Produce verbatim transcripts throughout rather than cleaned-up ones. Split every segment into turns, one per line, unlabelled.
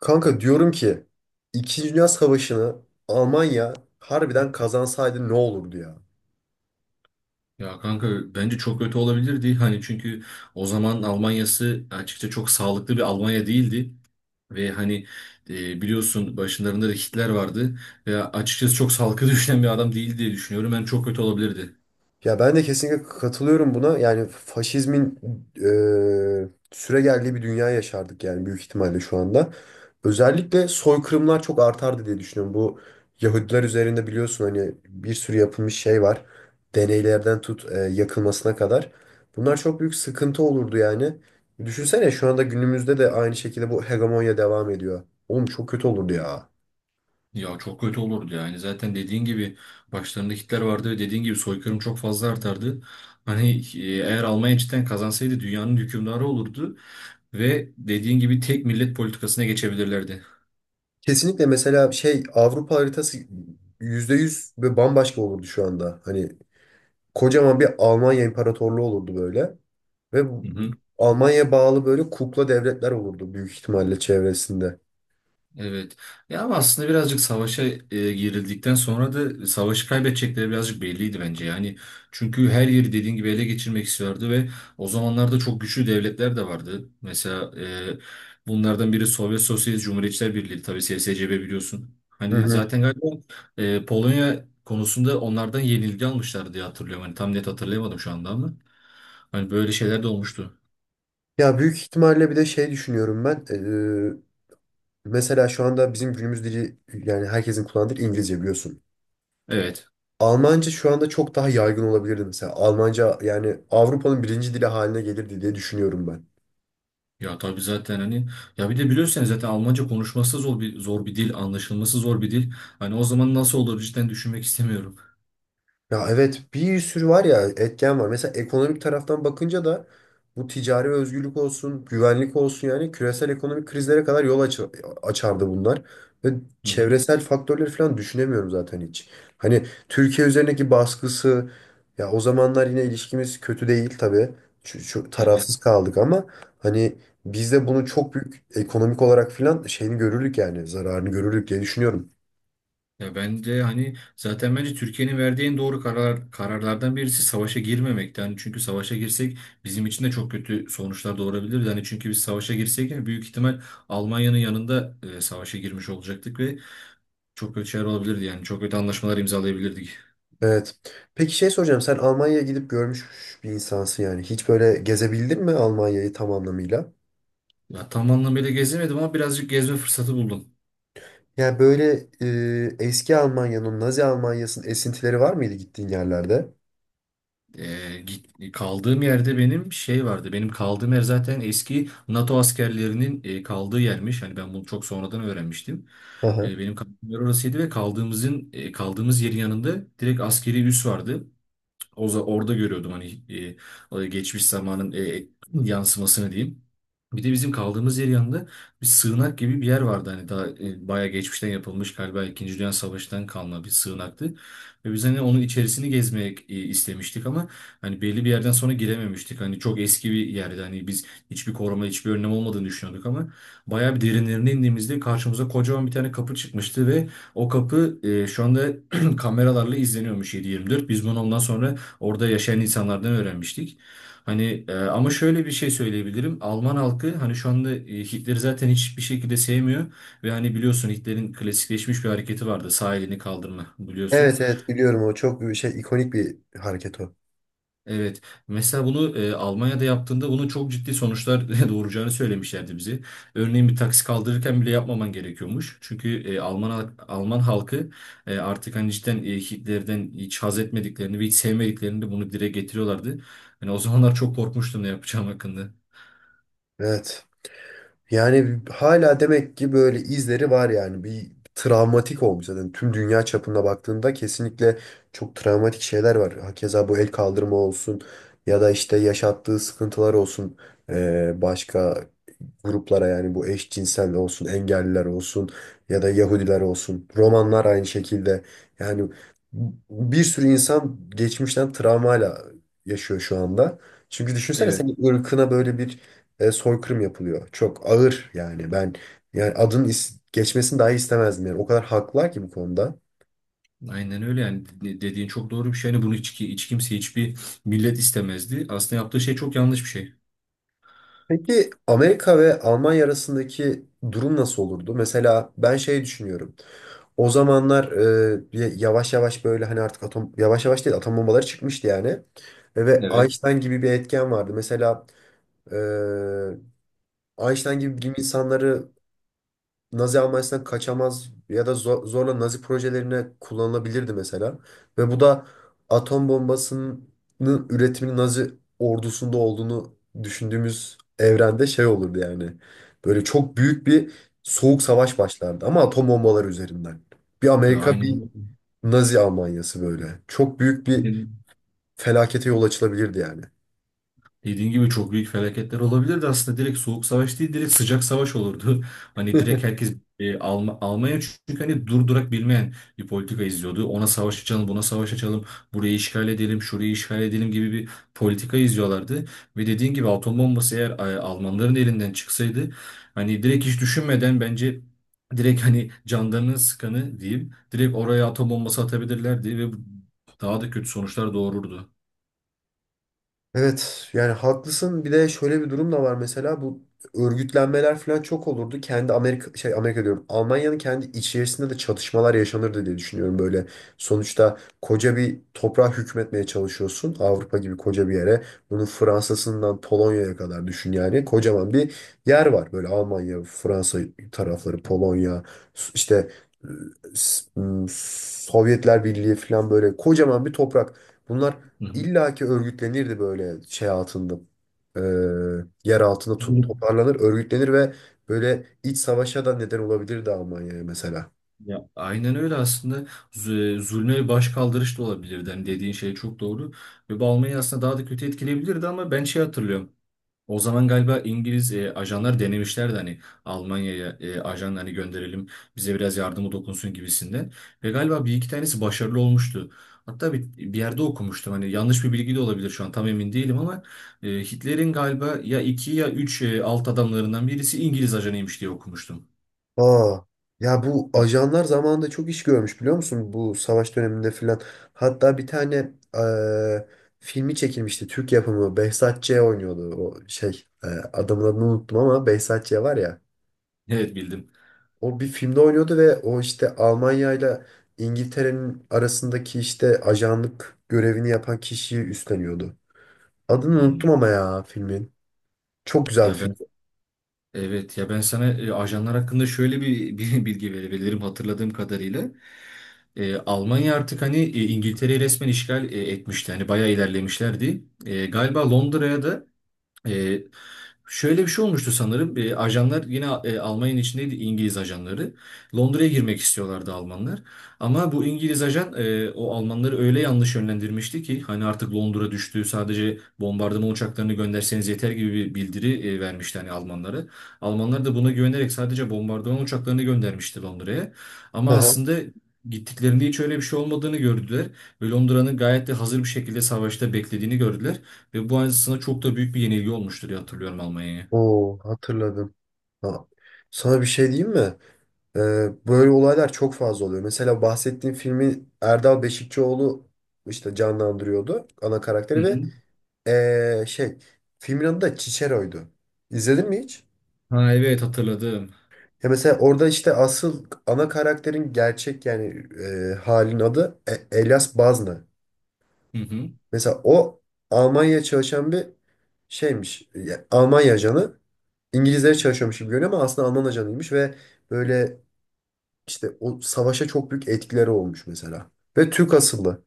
Kanka diyorum ki İkinci Dünya Savaşı'nı Almanya harbiden kazansaydı ne olurdu ya?
Ya kanka bence çok kötü olabilirdi. Hani çünkü o zaman Almanya'sı açıkça çok sağlıklı bir Almanya değildi. Ve hani e, biliyorsun başlarında da Hitler vardı. Ve açıkçası çok sağlıklı düşünen bir adam değildi diye düşünüyorum. Ben çok kötü olabilirdi.
Ya ben de kesinlikle katılıyorum buna. Yani faşizmin e, süregeldiği bir dünya yaşardık yani büyük ihtimalle şu anda. Özellikle soykırımlar çok artardı diye düşünüyorum. Bu Yahudiler üzerinde biliyorsun hani bir sürü yapılmış şey var. Deneylerden tut e, yakılmasına kadar. Bunlar çok büyük sıkıntı olurdu yani. Düşünsene şu anda günümüzde de aynı şekilde bu hegemonya devam ediyor. Oğlum çok kötü olurdu ya.
Ya çok kötü olurdu yani. Zaten dediğin gibi başlarında Hitler vardı ve dediğin gibi soykırım çok fazla artardı. Hani e, eğer Almanya cidden kazansaydı dünyanın hükümdarı olurdu. Ve dediğin gibi tek millet politikasına geçebilirlerdi.
Kesinlikle mesela şey Avrupa haritası yüzde yüz ve bambaşka olurdu şu anda. Hani kocaman bir Almanya İmparatorluğu olurdu böyle. Ve bu- Almanya'ya bağlı böyle kukla devletler olurdu büyük ihtimalle çevresinde.
Evet. Ya ama aslında birazcık savaşa e, girildikten sonra da savaşı kaybedecekleri birazcık belliydi bence. Yani çünkü her yeri dediğin gibi ele geçirmek istiyordu ve o zamanlarda çok güçlü devletler de vardı. Mesela e, bunlardan biri Sovyet Sosyalist Cumhuriyetçiler Birliği, tabii S S C B, biliyorsun.
Hı
Hani
hı.
zaten galiba e, Polonya konusunda onlardan yenilgi almışlar diye hatırlıyorum. Hani tam net hatırlayamadım şu anda ama. Hani böyle şeyler de olmuştu.
Ya büyük ihtimalle bir de şey düşünüyorum ben. Eee, mesela şu anda bizim günümüz dili yani herkesin kullandığı dil İngilizce biliyorsun.
Evet.
Almanca şu anda çok daha yaygın olabilirdi mesela. Almanca yani Avrupa'nın birinci dili haline gelirdi diye düşünüyorum ben.
Ya tabii zaten hani ya bir de biliyorsun yani zaten Almanca konuşması zor bir zor bir dil, anlaşılması zor bir dil. Hani o zaman nasıl olur cidden düşünmek istemiyorum.
Ya evet bir sürü var ya etken var. Mesela ekonomik taraftan bakınca da bu ticari özgürlük olsun, güvenlik olsun yani küresel ekonomik krizlere kadar yol aç açardı bunlar. Ve
Hı hı.
çevresel faktörleri falan düşünemiyorum zaten hiç. Hani Türkiye üzerindeki baskısı ya o zamanlar yine ilişkimiz kötü değil tabii. Şu, şu
Evet.
tarafsız kaldık ama hani biz de bunu çok büyük ekonomik olarak falan şeyini görürdük yani zararını görürdük diye düşünüyorum.
Ya bence hani zaten bence Türkiye'nin verdiği en doğru karar kararlardan birisi savaşa girmemekti. Hani çünkü savaşa girsek bizim için de çok kötü sonuçlar doğurabilir. Hani çünkü biz savaşa girsek yani büyük ihtimal Almanya'nın yanında e, savaşa girmiş olacaktık ve çok kötü şeyler olabilirdi yani çok kötü anlaşmalar imzalayabilirdik.
Evet. Peki şey soracağım. Sen Almanya'ya gidip görmüş bir insansın yani. Hiç böyle gezebildin mi Almanya'yı tam anlamıyla?
Ya tam anlamıyla gezemedim ama birazcık gezme fırsatı buldum.
Yani böyle e, eski Almanya'nın, Nazi Almanya'sının esintileri var mıydı gittiğin yerlerde?
Ee, git- kaldığım yerde benim şey vardı. Benim kaldığım yer zaten eski NATO askerlerinin e, kaldığı yermiş. Hani ben bunu çok sonradan öğrenmiştim.
Aha.
E, benim kaldığım yer orasıydı ve kaldığımızın e, kaldığımız yerin yanında direkt askeri üs vardı. O za- orada görüyordum hani e, e, geçmiş zamanın e, e, yansımasını diyeyim. Bir de bizim kaldığımız yer yanında bir sığınak gibi bir yer vardı. Hani daha e, bayağı geçmişten yapılmış, galiba İkinci Dünya Savaşı'ntan kalma bir sığınaktı. Ve biz hani onun içerisini gezmek e, istemiştik ama hani belli bir yerden sonra girememiştik. Hani çok eski bir yerdi. Hani biz hiçbir koruma, hiçbir önlem olmadığını düşünüyorduk ama bayağı bir derinlerine indiğimizde karşımıza kocaman bir tane kapı çıkmıştı ve o kapı e, şu anda kameralarla izleniyormuş yedi yirmi dört. Biz bunu ondan sonra orada yaşayan insanlardan öğrenmiştik. Hani e, ama şöyle bir şey söyleyebilirim. Alman halkı hani şu anda e, Hitler'i zaten hiçbir şekilde sevmiyor ve hani biliyorsun Hitler'in klasikleşmiş bir hareketi vardı. Sağ elini kaldırma, biliyorsun.
Evet, evet biliyorum o çok bir şey, ikonik bir hareket o.
Evet. Mesela bunu e, Almanya'da yaptığında bunun çok ciddi sonuçlar doğuracağını söylemişlerdi bize. Örneğin bir taksi kaldırırken bile yapmaman gerekiyormuş. Çünkü e, Alman halk- Alman halkı e, artık hani cidden e, Hitler'den hiç haz etmediklerini ve hiç sevmediklerini de bunu dile getiriyorlardı. Yani o zamanlar çok korkmuştum ne yapacağım hakkında.
Evet. Yani hala demek ki böyle izleri var yani bir travmatik olmuş zaten tüm dünya çapında baktığında kesinlikle çok travmatik şeyler var. Hakeza bu el kaldırma olsun ya da işte yaşattığı sıkıntılar olsun. Ee, başka gruplara yani bu eşcinsel olsun, engelliler olsun ya da Yahudiler olsun. Romanlar aynı şekilde. Yani bir sürü insan geçmişten travmayla yaşıyor şu anda. Çünkü düşünsene
Evet.
senin ırkına böyle bir e, soykırım yapılıyor. Çok ağır yani. Ben yani adın is- geçmesini dahi istemezdim yani. O kadar haklılar ki bu konuda.
Aynen öyle yani. De- dediğin çok doğru bir şey. Yani bunu hiç, hiç kimse hiçbir millet istemezdi. Aslında yaptığı şey çok yanlış bir şey.
Peki Amerika ve Almanya arasındaki durum nasıl olurdu? Mesela ben şey düşünüyorum. O zamanlar e, bir- yavaş yavaş böyle hani artık atom yavaş yavaş değil atom bombaları çıkmıştı yani. E, Ve
Evet.
Einstein gibi bir etken vardı. Mesela e, Einstein gibi bilim insanları Nazi Almanya'sından kaçamaz ya da zo- zorla Nazi projelerine kullanılabilirdi mesela. Ve bu da atom bombasının üretiminin Nazi ordusunda olduğunu düşündüğümüz evrende şey olurdu yani. Böyle çok büyük bir soğuk savaş başlardı ama atom bombaları üzerinden. Bir
Ya
Amerika, bir
aynen.
Nazi Almanya'sı böyle. Çok büyük bir felakete yol açılabilirdi yani.
Dediğin gibi çok büyük felaketler olabilirdi aslında, direkt soğuk savaş değil direkt sıcak savaş olurdu. Hani direkt herkes e, Alm- Almanya çünkü hani durdurak bilmeyen bir politika izliyordu. Ona savaş açalım, buna savaş açalım, burayı işgal edelim, şurayı işgal edelim gibi bir politika izliyorlardı. Ve dediğin gibi atom bombası eğer e, Almanların elinden çıksaydı hani direkt hiç düşünmeden bence direkt hani canlarını sıkanı diyeyim direkt oraya atom bombası atabilirlerdi ve bu- daha da kötü sonuçlar doğururdu.
Evet, yani haklısın. Bir de şöyle bir durum da var mesela, bu örgütlenmeler falan çok olurdu. Kendi Amerika şey, Amerika diyorum. Almanya'nın kendi içerisinde de çatışmalar yaşanırdı diye düşünüyorum böyle. Sonuçta koca bir toprağa hükmetmeye çalışıyorsun. Avrupa gibi koca bir yere. Bunun Fransa'sından Polonya'ya kadar düşün yani. Kocaman bir yer var böyle Almanya, Fransa tarafları, Polonya işte e, S- m, Sovyetler Birliği falan böyle kocaman bir toprak. Bunlar
Hı
İlla ki örgütlenirdi böyle şey altında. eee, Yer altında to-
hı.
toparlanır, örgütlenir ve böyle iç savaşa da neden olabilirdi Almanya'ya mesela.
Ya aynen öyle aslında Z- zulme başkaldırış da olabilirdi. Hani dediğin şey çok doğru. Ve bu Almanya'yı aslında daha da kötü etkileyebilirdi ama ben şey hatırlıyorum. O zaman galiba İngiliz e, ajanlar denemişlerdi hani Almanya'ya e, ajan hani gönderelim bize biraz yardımı dokunsun gibisinden. Ve galiba bir iki tanesi başarılı olmuştu. Hatta bir, bir yerde okumuştum hani, yanlış bir bilgi de olabilir şu an tam emin değilim ama e, Hitler'in galiba ya iki ya üç e, alt adamlarından birisi İngiliz ajanıymış diye okumuştum.
Aa, ya bu
Hı,
ajanlar zamanında çok iş görmüş biliyor musun? Bu savaş döneminde filan. Hatta bir tane eee, filmi çekilmişti. Türk yapımı. Behzat Ç. oynuyordu. O şey eee, adamın adını unuttum ama Behzat Ç. var ya.
Evet, bildim.
O bir filmde oynuyordu ve o işte Almanya ile İngiltere'nin arasındaki işte ajanlık görevini yapan kişiyi üstleniyordu. Adını
Hmm.
unuttum ama ya filmin. Çok güzel bir
Ya ben,
film.
evet ya ben sana e, ajanlar hakkında şöyle bir, bir bilgi verebilirim hatırladığım kadarıyla. E, Almanya artık hani e, İngiltere'yi resmen işgal e, etmişti. Hani bayağı ilerlemişlerdi. E, galiba Londra'ya da e, şöyle bir şey olmuştu sanırım. E, ajanlar yine e, Almanya'nın içindeydi, İngiliz ajanları. Londra'ya girmek istiyorlardı Almanlar. Ama bu İngiliz ajan e, o Almanları öyle yanlış yönlendirmişti ki hani artık Londra düştü, sadece bombardıman uçaklarını gönderseniz yeter gibi bir bildiri e, vermişti hani Almanlara. Almanlar da buna güvenerek sadece bombardıman uçaklarını göndermişti Londra'ya.
Hı
Ama
hı.
aslında gittiklerinde hiç öyle bir şey olmadığını gördüler ve Londra'nın gayet de hazır bir şekilde savaşta beklediğini gördüler. Ve bu aslında çok da büyük bir yenilgi olmuştur diye hatırlıyorum Almanya'ya.
Oo, hatırladım. Ha. Sana bir şey diyeyim mi? Ee, Böyle olaylar çok fazla oluyor. Mesela bahsettiğim filmi Erdal Beşikçioğlu işte canlandırıyordu ana
Hı
karakteri ve
hı.
ee, şey, filmin adı da Cicero'ydu. İzledin mi hiç?
Ha evet, hatırladım.
Ya mesela orada işte asıl ana karakterin gerçek yani e, halin adı E- Elias Bazna.
Hı hı.
Mesela o Almanya'ya çalışan bir şeymiş. Ya, Almanya ajanı. İngilizlere çalışıyormuş gibi görünüyor ama aslında Alman ajanıymış ve böyle işte o savaşa çok büyük etkileri olmuş mesela. Ve Türk asıllı.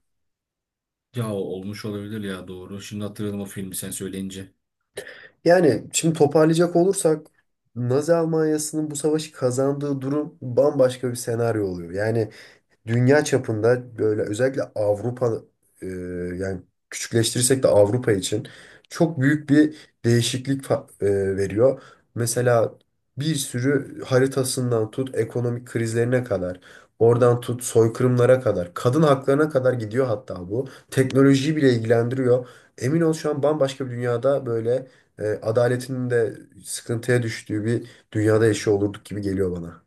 Ya olmuş olabilir ya, doğru. Şimdi hatırladım o filmi sen söyleyince.
Yani şimdi toparlayacak olursak Nazi Almanya'sının bu savaşı kazandığı durum bambaşka bir senaryo oluyor. Yani dünya çapında böyle özellikle Avrupa e, yani küçükleştirirsek de Avrupa için çok büyük bir değişiklik fa- e, veriyor. Mesela bir sürü haritasından tut ekonomik krizlerine kadar, oradan tut soykırımlara kadar, kadın haklarına kadar gidiyor hatta bu. Teknolojiyi bile ilgilendiriyor. Emin ol şu an bambaşka bir dünyada böyle e, adaletin de sıkıntıya düştüğü bir dünyada yaşıyor olurduk gibi geliyor bana.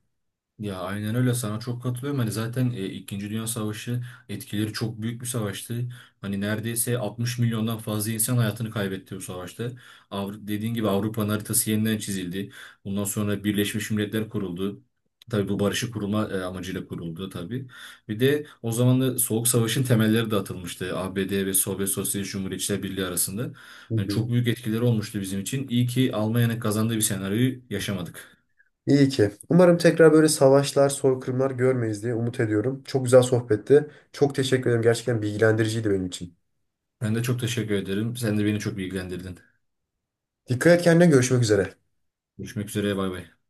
Ya aynen öyle, sana çok katılıyorum. Hani zaten e, İkinci Dünya Savaşı etkileri çok büyük bir savaştı. Hani neredeyse altmış milyondan fazla insan hayatını kaybetti bu savaşta. Avru dediğin gibi Avrupa'nın haritası yeniden çizildi. Bundan sonra Birleşmiş Milletler kuruldu. Tabii bu barışı kurulma e, amacıyla kuruldu tabii. Bir de o zaman da Soğuk Savaş'ın temelleri de atılmıştı. A B D ve Sovyet Sosyalist Cumhuriyetçiler Birliği arasında.
Hı
Yani
hı.
çok büyük etkileri olmuştu bizim için. İyi ki Almanya'nın kazandığı bir senaryoyu yaşamadık.
İyi ki. Umarım tekrar böyle savaşlar, soykırımlar görmeyiz diye umut ediyorum. Çok güzel sohbetti. Çok teşekkür ederim. Gerçekten bilgilendiriciydi benim için.
Ben de çok teşekkür ederim. Sen de beni çok bilgilendirdin.
Dikkat et kendine. Görüşmek üzere.
Görüşmek üzere. Bay bay.